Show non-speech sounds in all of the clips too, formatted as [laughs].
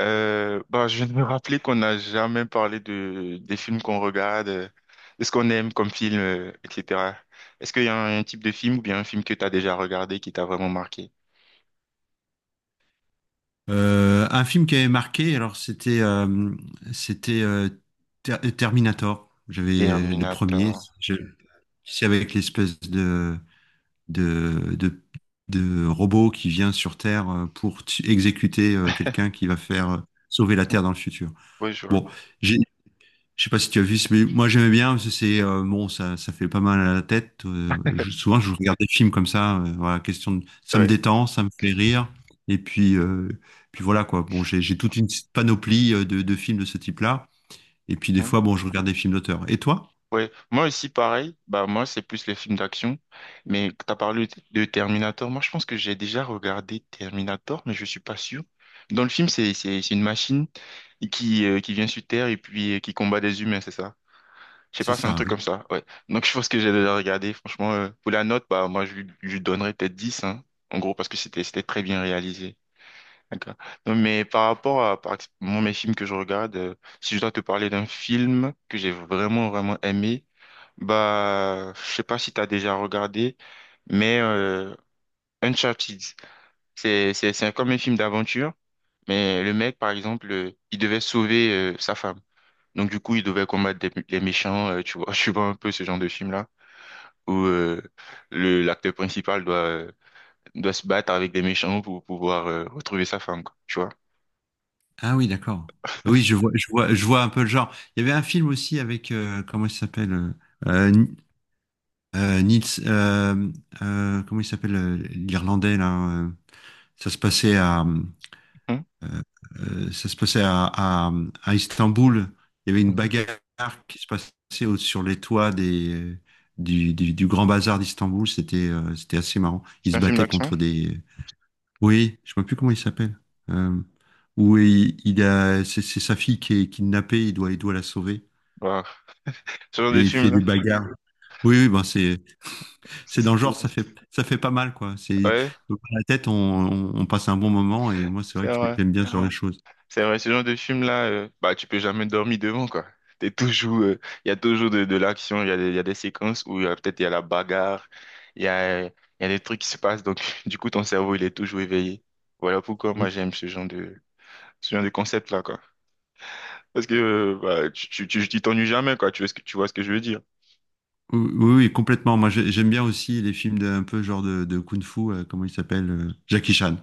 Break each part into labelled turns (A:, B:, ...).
A: Bah, je viens de me rappeler qu'on n'a jamais parlé des films qu'on regarde, de ce qu'on aime comme film, etc. Est-ce qu'il y a un type de film ou bien un film que tu as déjà regardé qui t'a vraiment marqué?
B: Un film qui avait marqué, alors c'était Terminator. J'avais les premiers,
A: Terminator.
B: je- c'est avec l'espèce de, de de de robot qui vient sur Terre pour exécuter quelqu'un
A: [laughs]
B: qui va faire sauver la Terre dans le futur.
A: Ouais, je vois.
B: Bon, j'ai je sais pas si tu as vu, mais moi j'aimais bien parce que c'est bon, ça fait pas mal à la tête. Souvent je regarde des films comme ça, voilà, question de, ça me
A: Ouais.
B: détend, ça me fait rire, et puis puis voilà quoi. Bon, j'ai toute une panoplie de films de ce type-là, et puis des
A: Hein.
B: fois bon, je regarde des films d'auteur. Et toi?
A: Ouais. Moi aussi, pareil. Bah, moi, c'est plus les films d'action. Mais tu as parlé de Terminator. Moi, je pense que j'ai déjà regardé Terminator, mais je suis pas sûr. Dans le film, c'est une machine qui vient sur Terre et puis qui combat des humains, c'est ça? Je sais
B: C'est
A: pas, c'est un
B: ça,
A: truc
B: oui.
A: comme ça, ouais. Donc je pense que j'ai déjà regardé, franchement, pour la note, bah moi je lui donnerais peut-être 10, hein, en gros, parce que c'était très bien réalisé. D'accord. Non, mais par rapport à moi, mes films que je regarde, si je dois te parler d'un film que j'ai vraiment, vraiment aimé, bah je sais pas si tu as déjà regardé, mais Uncharted, c'est comme un film d'aventure, mais le mec, par exemple, il devait sauver sa femme. Donc du coup, il devait combattre les méchants, tu vois, [laughs] je vois un peu ce genre de film-là, où le l'acteur principal doit doit se battre avec des méchants pour pouvoir retrouver sa femme, quoi, tu vois.
B: Ah oui, d'accord. Oui,
A: [laughs]
B: je vois un peu le genre. Il y avait un film aussi avec comment il s'appelle euh, Ni- Nils, comment il s'appelle l'Irlandais là. Ça se passait à
A: Mhm.
B: Ça se passait à Istanbul. Il y avait une
A: Mhm.
B: bagarre qui se passait sur les toits du du grand bazar d'Istanbul. C'était assez marrant. Ils
A: C'est
B: se
A: un film
B: battaient
A: d'action?
B: contre des. Oui, je ne sais même plus comment il s'appelle. Euh, Où il a, c'est sa fille qui est kidnappée. Il doit la sauver
A: Wow. Ce genre
B: et
A: de
B: il fait des
A: film-là,
B: bagarres. Oui, oui, ben c'est
A: c'est
B: c'est dans
A: c'est
B: le genre, ça
A: cool.
B: fait ça fait pas mal quoi. C'est
A: Ouais,
B: dans la tête, on passe un bon moment et moi c'est
A: c'est
B: vrai que
A: vrai.
B: j'aime bien ce genre de choses.
A: C'est vrai, ce genre de film-là, bah, tu peux jamais dormir devant, quoi. T'es toujours, il y a toujours de l'action, il y a des séquences où peut-être il y a la bagarre, il y a des trucs qui se passent, donc [laughs] du coup, ton cerveau, il est toujours éveillé. Voilà pourquoi moi, j'aime ce genre de concept-là, quoi. Parce que, bah, tu t'ennuies jamais, quoi. Tu vois ce que je veux dire.
B: Oui, oui, oui, complètement. Moi, j'aime bien aussi les films de, un peu genre de kung-fu, comment il s'appelle? Jackie Chan.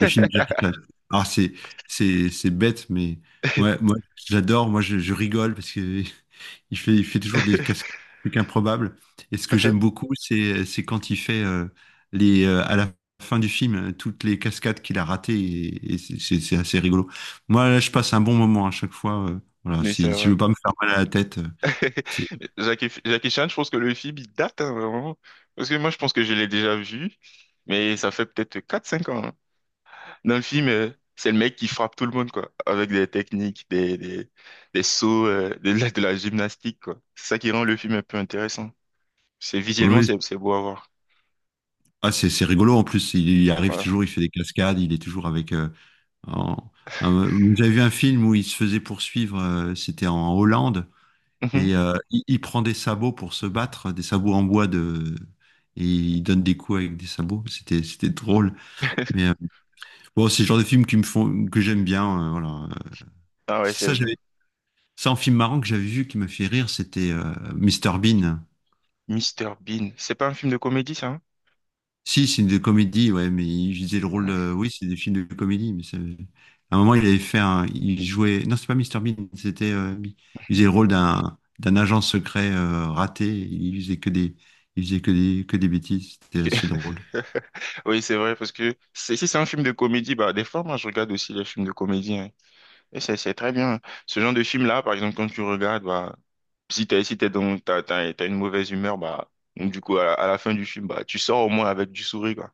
B: Les films de Jackie Chan. Alors, c'est, c'est bête, mais ouais, moi, j'adore. Moi, je rigole parce que [laughs] il fait toujours des cascades improbables. Et ce que j'aime beaucoup, c'est quand il fait à la fin du film, toutes les cascades qu'il a ratées. C'est assez rigolo. Moi, là, je passe un bon moment à chaque fois. Voilà,
A: Mais c'est
B: si je
A: vrai.
B: veux pas me faire mal à la tête,
A: [laughs] Jackie Chan, je pense que le film, il date, hein, vraiment. Parce que moi, je pense que je l'ai déjà vu, mais ça fait peut-être quatre cinq ans, hein. Dans le film, c'est le mec qui frappe tout le monde, quoi, avec des techniques, des sauts, de la gymnastique, quoi. C'est ça qui rend le film un peu intéressant. C'est visuellement,
B: oui, oui.
A: c'est beau à voir.
B: Ah, c'est rigolo en plus. Il arrive
A: Voilà.
B: toujours, il fait des cascades, il est toujours avec. En- Vous avez vu un film où il se faisait poursuivre, c'était en Hollande,
A: Mhm.
B: et il prend des sabots pour se battre, des sabots en bois de. Et il donne des coups avec des sabots. C'était drôle. Mais euh,
A: [laughs]
B: bon, c'est le genre de film qui me font, que j'aime bien. Voilà.
A: Ah ouais, c'est
B: Ça,
A: vrai.
B: j'avais C'est un film marrant que j'avais vu qui m'a fait rire, c'était Mr Bean.
A: Mr Bean. C'est pas un film de comédie, ça, hein?
B: Si, c'est une de comédie, ouais, mais il disait le rôle de...
A: Ouais.
B: Oui, c'est des films de comédie, mais ça- à un moment, il avait fait un... Il jouait... Non, c'est pas Mister Bean, c'était... Il faisait le rôle d'un agent secret raté, il faisait que des... Il faisait que des bêtises, c'était
A: Ok.
B: assez drôle.
A: [laughs] Oui, c'est vrai, parce que si c'est un film de comédie, bah, des fois, moi, je regarde aussi les films de comédie, hein. Et c'est très bien. Ce genre de film-là, par exemple, quand tu regardes, bah, Si t'es, si t'es dans, t'as, t'as, t'as une mauvaise humeur, bah, donc du coup, à la fin du film, bah, tu sors au moins avec du sourire, quoi.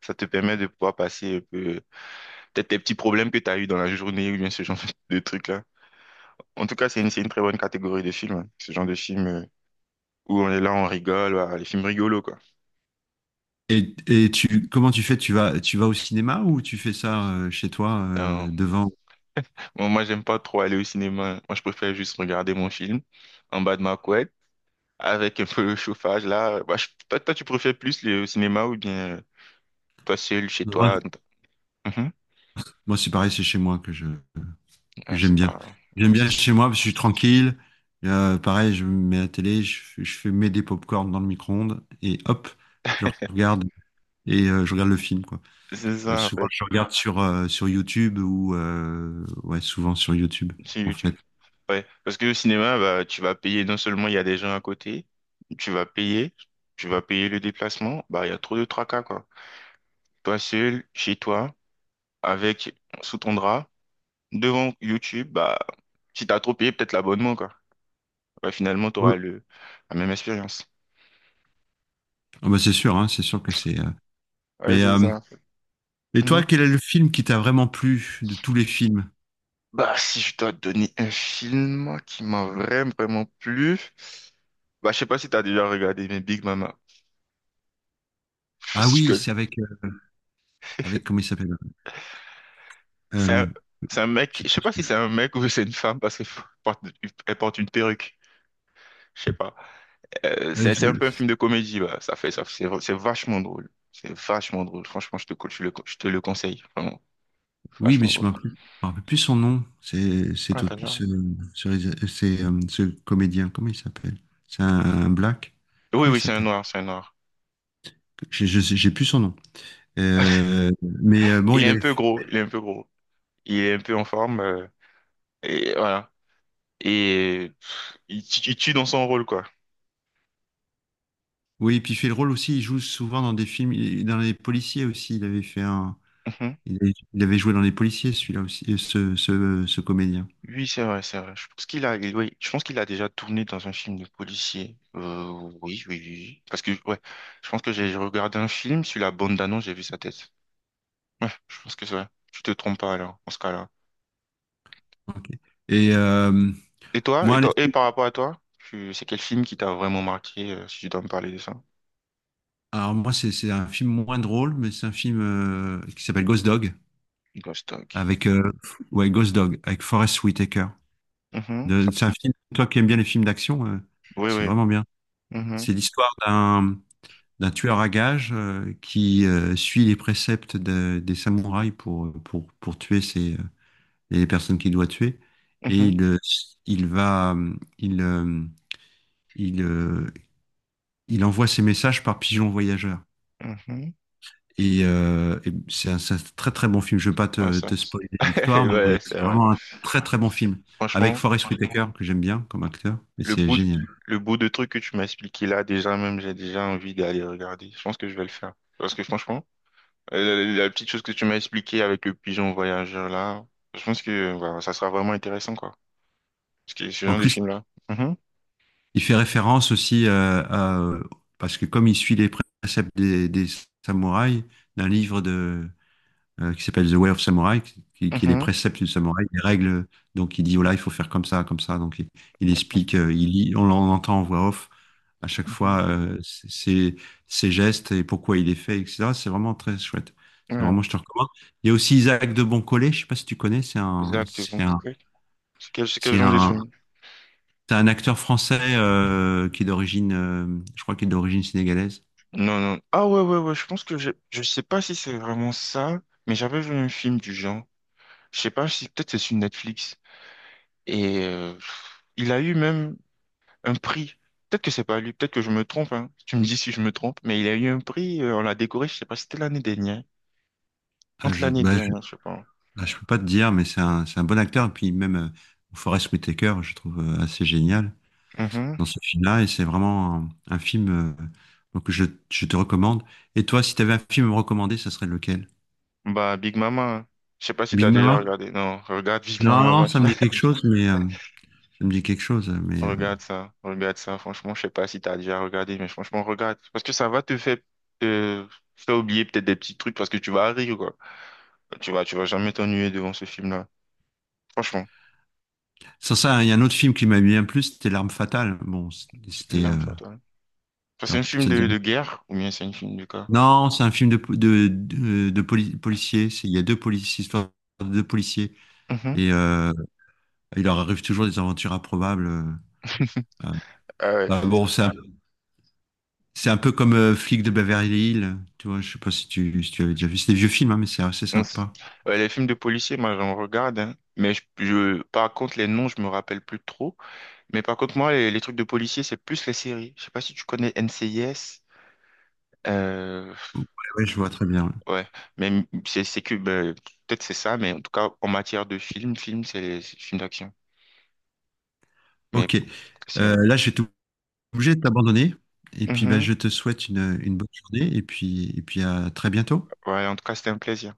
A: Ça te permet de pouvoir passer un peu, peut-être tes petits problèmes que t'as eu dans la journée ou bien ce genre [laughs] de trucs-là. En tout cas, c'est une très bonne catégorie de films, hein. Ce genre de film où on est là, on rigole, voilà, les films rigolos, quoi.
B: Tu, comment tu fais? Tu vas au cinéma ou tu fais ça chez toi,
A: Euh,
B: devant?
A: bon, moi, j'aime pas trop aller au cinéma. Moi, je préfère juste regarder mon film en bas de ma couette avec un peu le chauffage, là. Bah, toi, toi, tu préfères plus le cinéma ou bien toi seul, chez
B: Moi,
A: toi? Mhm.
B: moi, c'est pareil, c'est chez moi que je... que
A: Ah,
B: j'aime
A: c'est
B: bien.
A: pas... Ah,
B: J'aime bien
A: C'est
B: chez moi parce que je suis tranquille. Pareil, je mets la télé, je fais mets des pop dans le micro-ondes et hop, je regarde et je regarde le film quoi.
A: c'est ça, en
B: Souvent,
A: fait,
B: je regarde sur sur YouTube ou ouais, souvent sur YouTube
A: sur
B: en fait.
A: YouTube. Ouais. Parce que le cinéma, bah, tu vas payer, non seulement il y a des gens à côté, tu vas payer, tu vas payer le déplacement, bah, il y a trop de tracas, quoi. Toi seul, chez toi, avec, sous ton drap, devant YouTube, bah, si t'as trop payé, peut-être l'abonnement, quoi. Ouais, finalement,
B: Ouais.
A: t'auras le... la même expérience.
B: Ah bah c'est sûr, hein, c'est sûr que c'est.
A: Ouais,
B: Mais
A: c'est
B: euh,
A: ça, en fait.
B: et toi,
A: Mhm.
B: quel est le film qui t'a vraiment plu de tous les films?
A: Bah, si je dois te donner un film qui m'a vraiment, vraiment plu, bah, je sais pas si t'as déjà regardé, mais Big Mama.
B: Ah oui, c'est
A: [laughs]
B: avec avec comment il s'appelle? Euh,
A: C'est un,
B: mais-
A: c'est un mec,
B: je-
A: je sais pas si c'est un mec ou c'est une femme parce qu'elle porte, elle porte, une perruque, je sais pas. Euh,
B: euh,
A: c'est c'est un peu un film de comédie, bah. Ça, c'est vachement drôle. C'est vachement drôle. Franchement, je te le conseille, vraiment.
B: Oui, mais
A: Vachement drôle.
B: je me rappelle plus son nom.
A: Ah,
B: C'est au-
A: t'as déjà-
B: ce rés- C'est, ce comédien. Comment il s'appelle? Un black.
A: Oui,
B: Comment il
A: oui, c'est un
B: s'appelle?
A: noir, c'est un noir.
B: J'ai plus son nom. Euh, bon,
A: Il est
B: il
A: un
B: avait,
A: peu gros, il est un peu gros. Il est un peu en forme, et voilà. Et il, il tue dans son rôle, quoi.
B: oui, puis il fait le rôle aussi. Il joue souvent dans des films, il- Dans les policiers aussi. Il avait fait un,
A: Mhm.
B: il avait, Il avait joué dans les policiers, celui-là aussi, ce comédien.
A: Oui, c'est vrai, c'est vrai. Je pense qu'il a, oui, je pense qu'il a déjà tourné dans un film de policier. Oui, oui, oui, oui. Parce que, ouais, je pense que j'ai regardé un film sur la bande annonce j'ai vu sa tête. Ouais, je pense que c'est vrai. Tu te trompes pas alors, en ce cas-là.
B: Ok. Et
A: Et toi, et
B: moi, les
A: toi, et par rapport à toi, c'est quel film qui t'a vraiment marqué, si tu dois me parler de ça?
B: Alors moi, c'est un film moins drôle, mais c'est un film qui s'appelle Ghost Dog
A: Ghost Dog.
B: avec ouais Ghost Dog avec Forest Whitaker.
A: Mhm, ça-
B: C'est un film. Toi qui aimes bien les films d'action,
A: Oui,
B: c'est
A: oui.
B: vraiment bien.
A: Mhm,
B: C'est l'histoire d'un tueur à gages qui suit les préceptes des samouraïs pour tuer ses, les personnes qu'il doit tuer et
A: mhm,
B: il va il euh, il envoie ses messages par pigeon voyageur.
A: mhm.
B: C'est un, c'est un très très bon film. Je ne veux pas
A: Ouais, ça.
B: te spoiler
A: [laughs]
B: l'histoire, mais
A: Ouais, c'est vrai.
B: très très bon film. Avec
A: Franchement.
B: Forest Whitaker, que j'aime bien comme acteur, et
A: Le
B: c'est
A: bout,
B: génial.
A: le bout de truc que tu m'as expliqué là, déjà même, j'ai déjà envie d'aller regarder. Je pense que je vais le faire. Parce que franchement, la petite chose que tu m'as expliqué avec le pigeon voyageur là, je pense que bah, ça sera vraiment intéressant, quoi. Parce que ce
B: En
A: genre de
B: plus,
A: film là. Mhm.
B: il fait référence aussi parce que comme il suit les préceptes des samouraïs, d'un livre de, qui s'appelle The Way of Samurai, qui est les
A: Mhm.
B: préceptes du samouraï, les règles. Donc il dit, voilà, il faut faire comme ça, comme ça. Donc il explique, il lit, on l'entend en voix off à chaque fois
A: Mhm.
B: ses gestes et pourquoi il est fait, etc. C'est vraiment très chouette. C'est vraiment,
A: Ouais.
B: je te recommande. Il y a aussi Isaac de Boncollet, je sais pas si tu connais,
A: Zach de Vancouver. C'est quel
B: c'est
A: genre de
B: un,
A: film?
B: c'est un acteur français qui est d'origine, je crois qu'il est d'origine sénégalaise.
A: Non, non. Ah ouais, ouais, ouais, je pense que je sais pas si c'est vraiment ça, mais j'avais vu un film du genre. Je sais pas si peut-être c'est sur Netflix. Et il a eu même un prix. Peut-être que c'est pas lui, peut-être que je me trompe, hein. Tu me dis si je me trompe, mais il a eu un prix, on l'a décoré, je sais pas, si c'était l'année dernière.
B: Ah,
A: Entre
B: je,
A: l'année
B: bah, je,
A: dernière, je sais pas.
B: je peux pas te dire, mais c'est un bon acteur. Et puis même Forest Whitaker, je trouve assez génial
A: Mhm.
B: dans ce film-là. Et c'est vraiment un film donc je, je te recommande. Et toi, si tu avais un film à me recommander, ça serait lequel?
A: Bah, Big Mama, hein. Je sais pas si
B: Big
A: t'as déjà
B: Mama?
A: regardé. Non, regarde Big
B: Non,
A: Mama,
B: non,
A: wesh. [laughs]
B: ça me dit quelque chose,
A: Regarde ça, regarde ça. Franchement, je sais pas si t'as déjà regardé, mais franchement, regarde. Parce que ça va te faire oublier peut-être des petits trucs parce que tu vas rire, quoi. Tu vas jamais t'ennuyer devant ce film-là. Franchement,
B: sans ça, il y a un autre film qui m'a bien plu, c'était L'Arme fatale. Bon, c'était,
A: l'âme, toi, toi. Enfin,
B: t'as-
A: c'est un film
B: ça te dit
A: de,
B: rien.
A: de guerre ou bien c'est un film de quoi?
B: Non, c'est un film de po- de poli- policiers. C'est- Il y a deux policiers, histoire de deux policiers,
A: Mhm.
B: et il leur arrive toujours des aventures improbables.
A: [laughs]
B: Euh,
A: Ah ouais.
B: Bon, c'est un peu comme Flic de Beverly Hills. Tu vois, je sais pas si tu avais déjà vu. C'est des vieux films, hein, mais c'est assez
A: On s-
B: sympa.
A: ouais, les films de policiers, moi j'en regarde, hein. Mais par contre, les noms, je me rappelle plus trop. Mais par contre, moi, les trucs de policiers, c'est plus les séries. Je sais pas si tu connais NCIS. Euh,
B: Ouais, ouais, je vois très bien. Ouais.
A: ouais, mais c'est que ben, peut-être c'est ça, mais en tout cas, en matière de film, c'est film d'action. Mais
B: Ok.
A: c'est.
B: Là, je vais obligé de t'abandonner. Et puis, bah,
A: Mhm.
B: je te souhaite une bonne journée et puis à très bientôt.
A: Ouais, en tout cas, c'était un plaisir.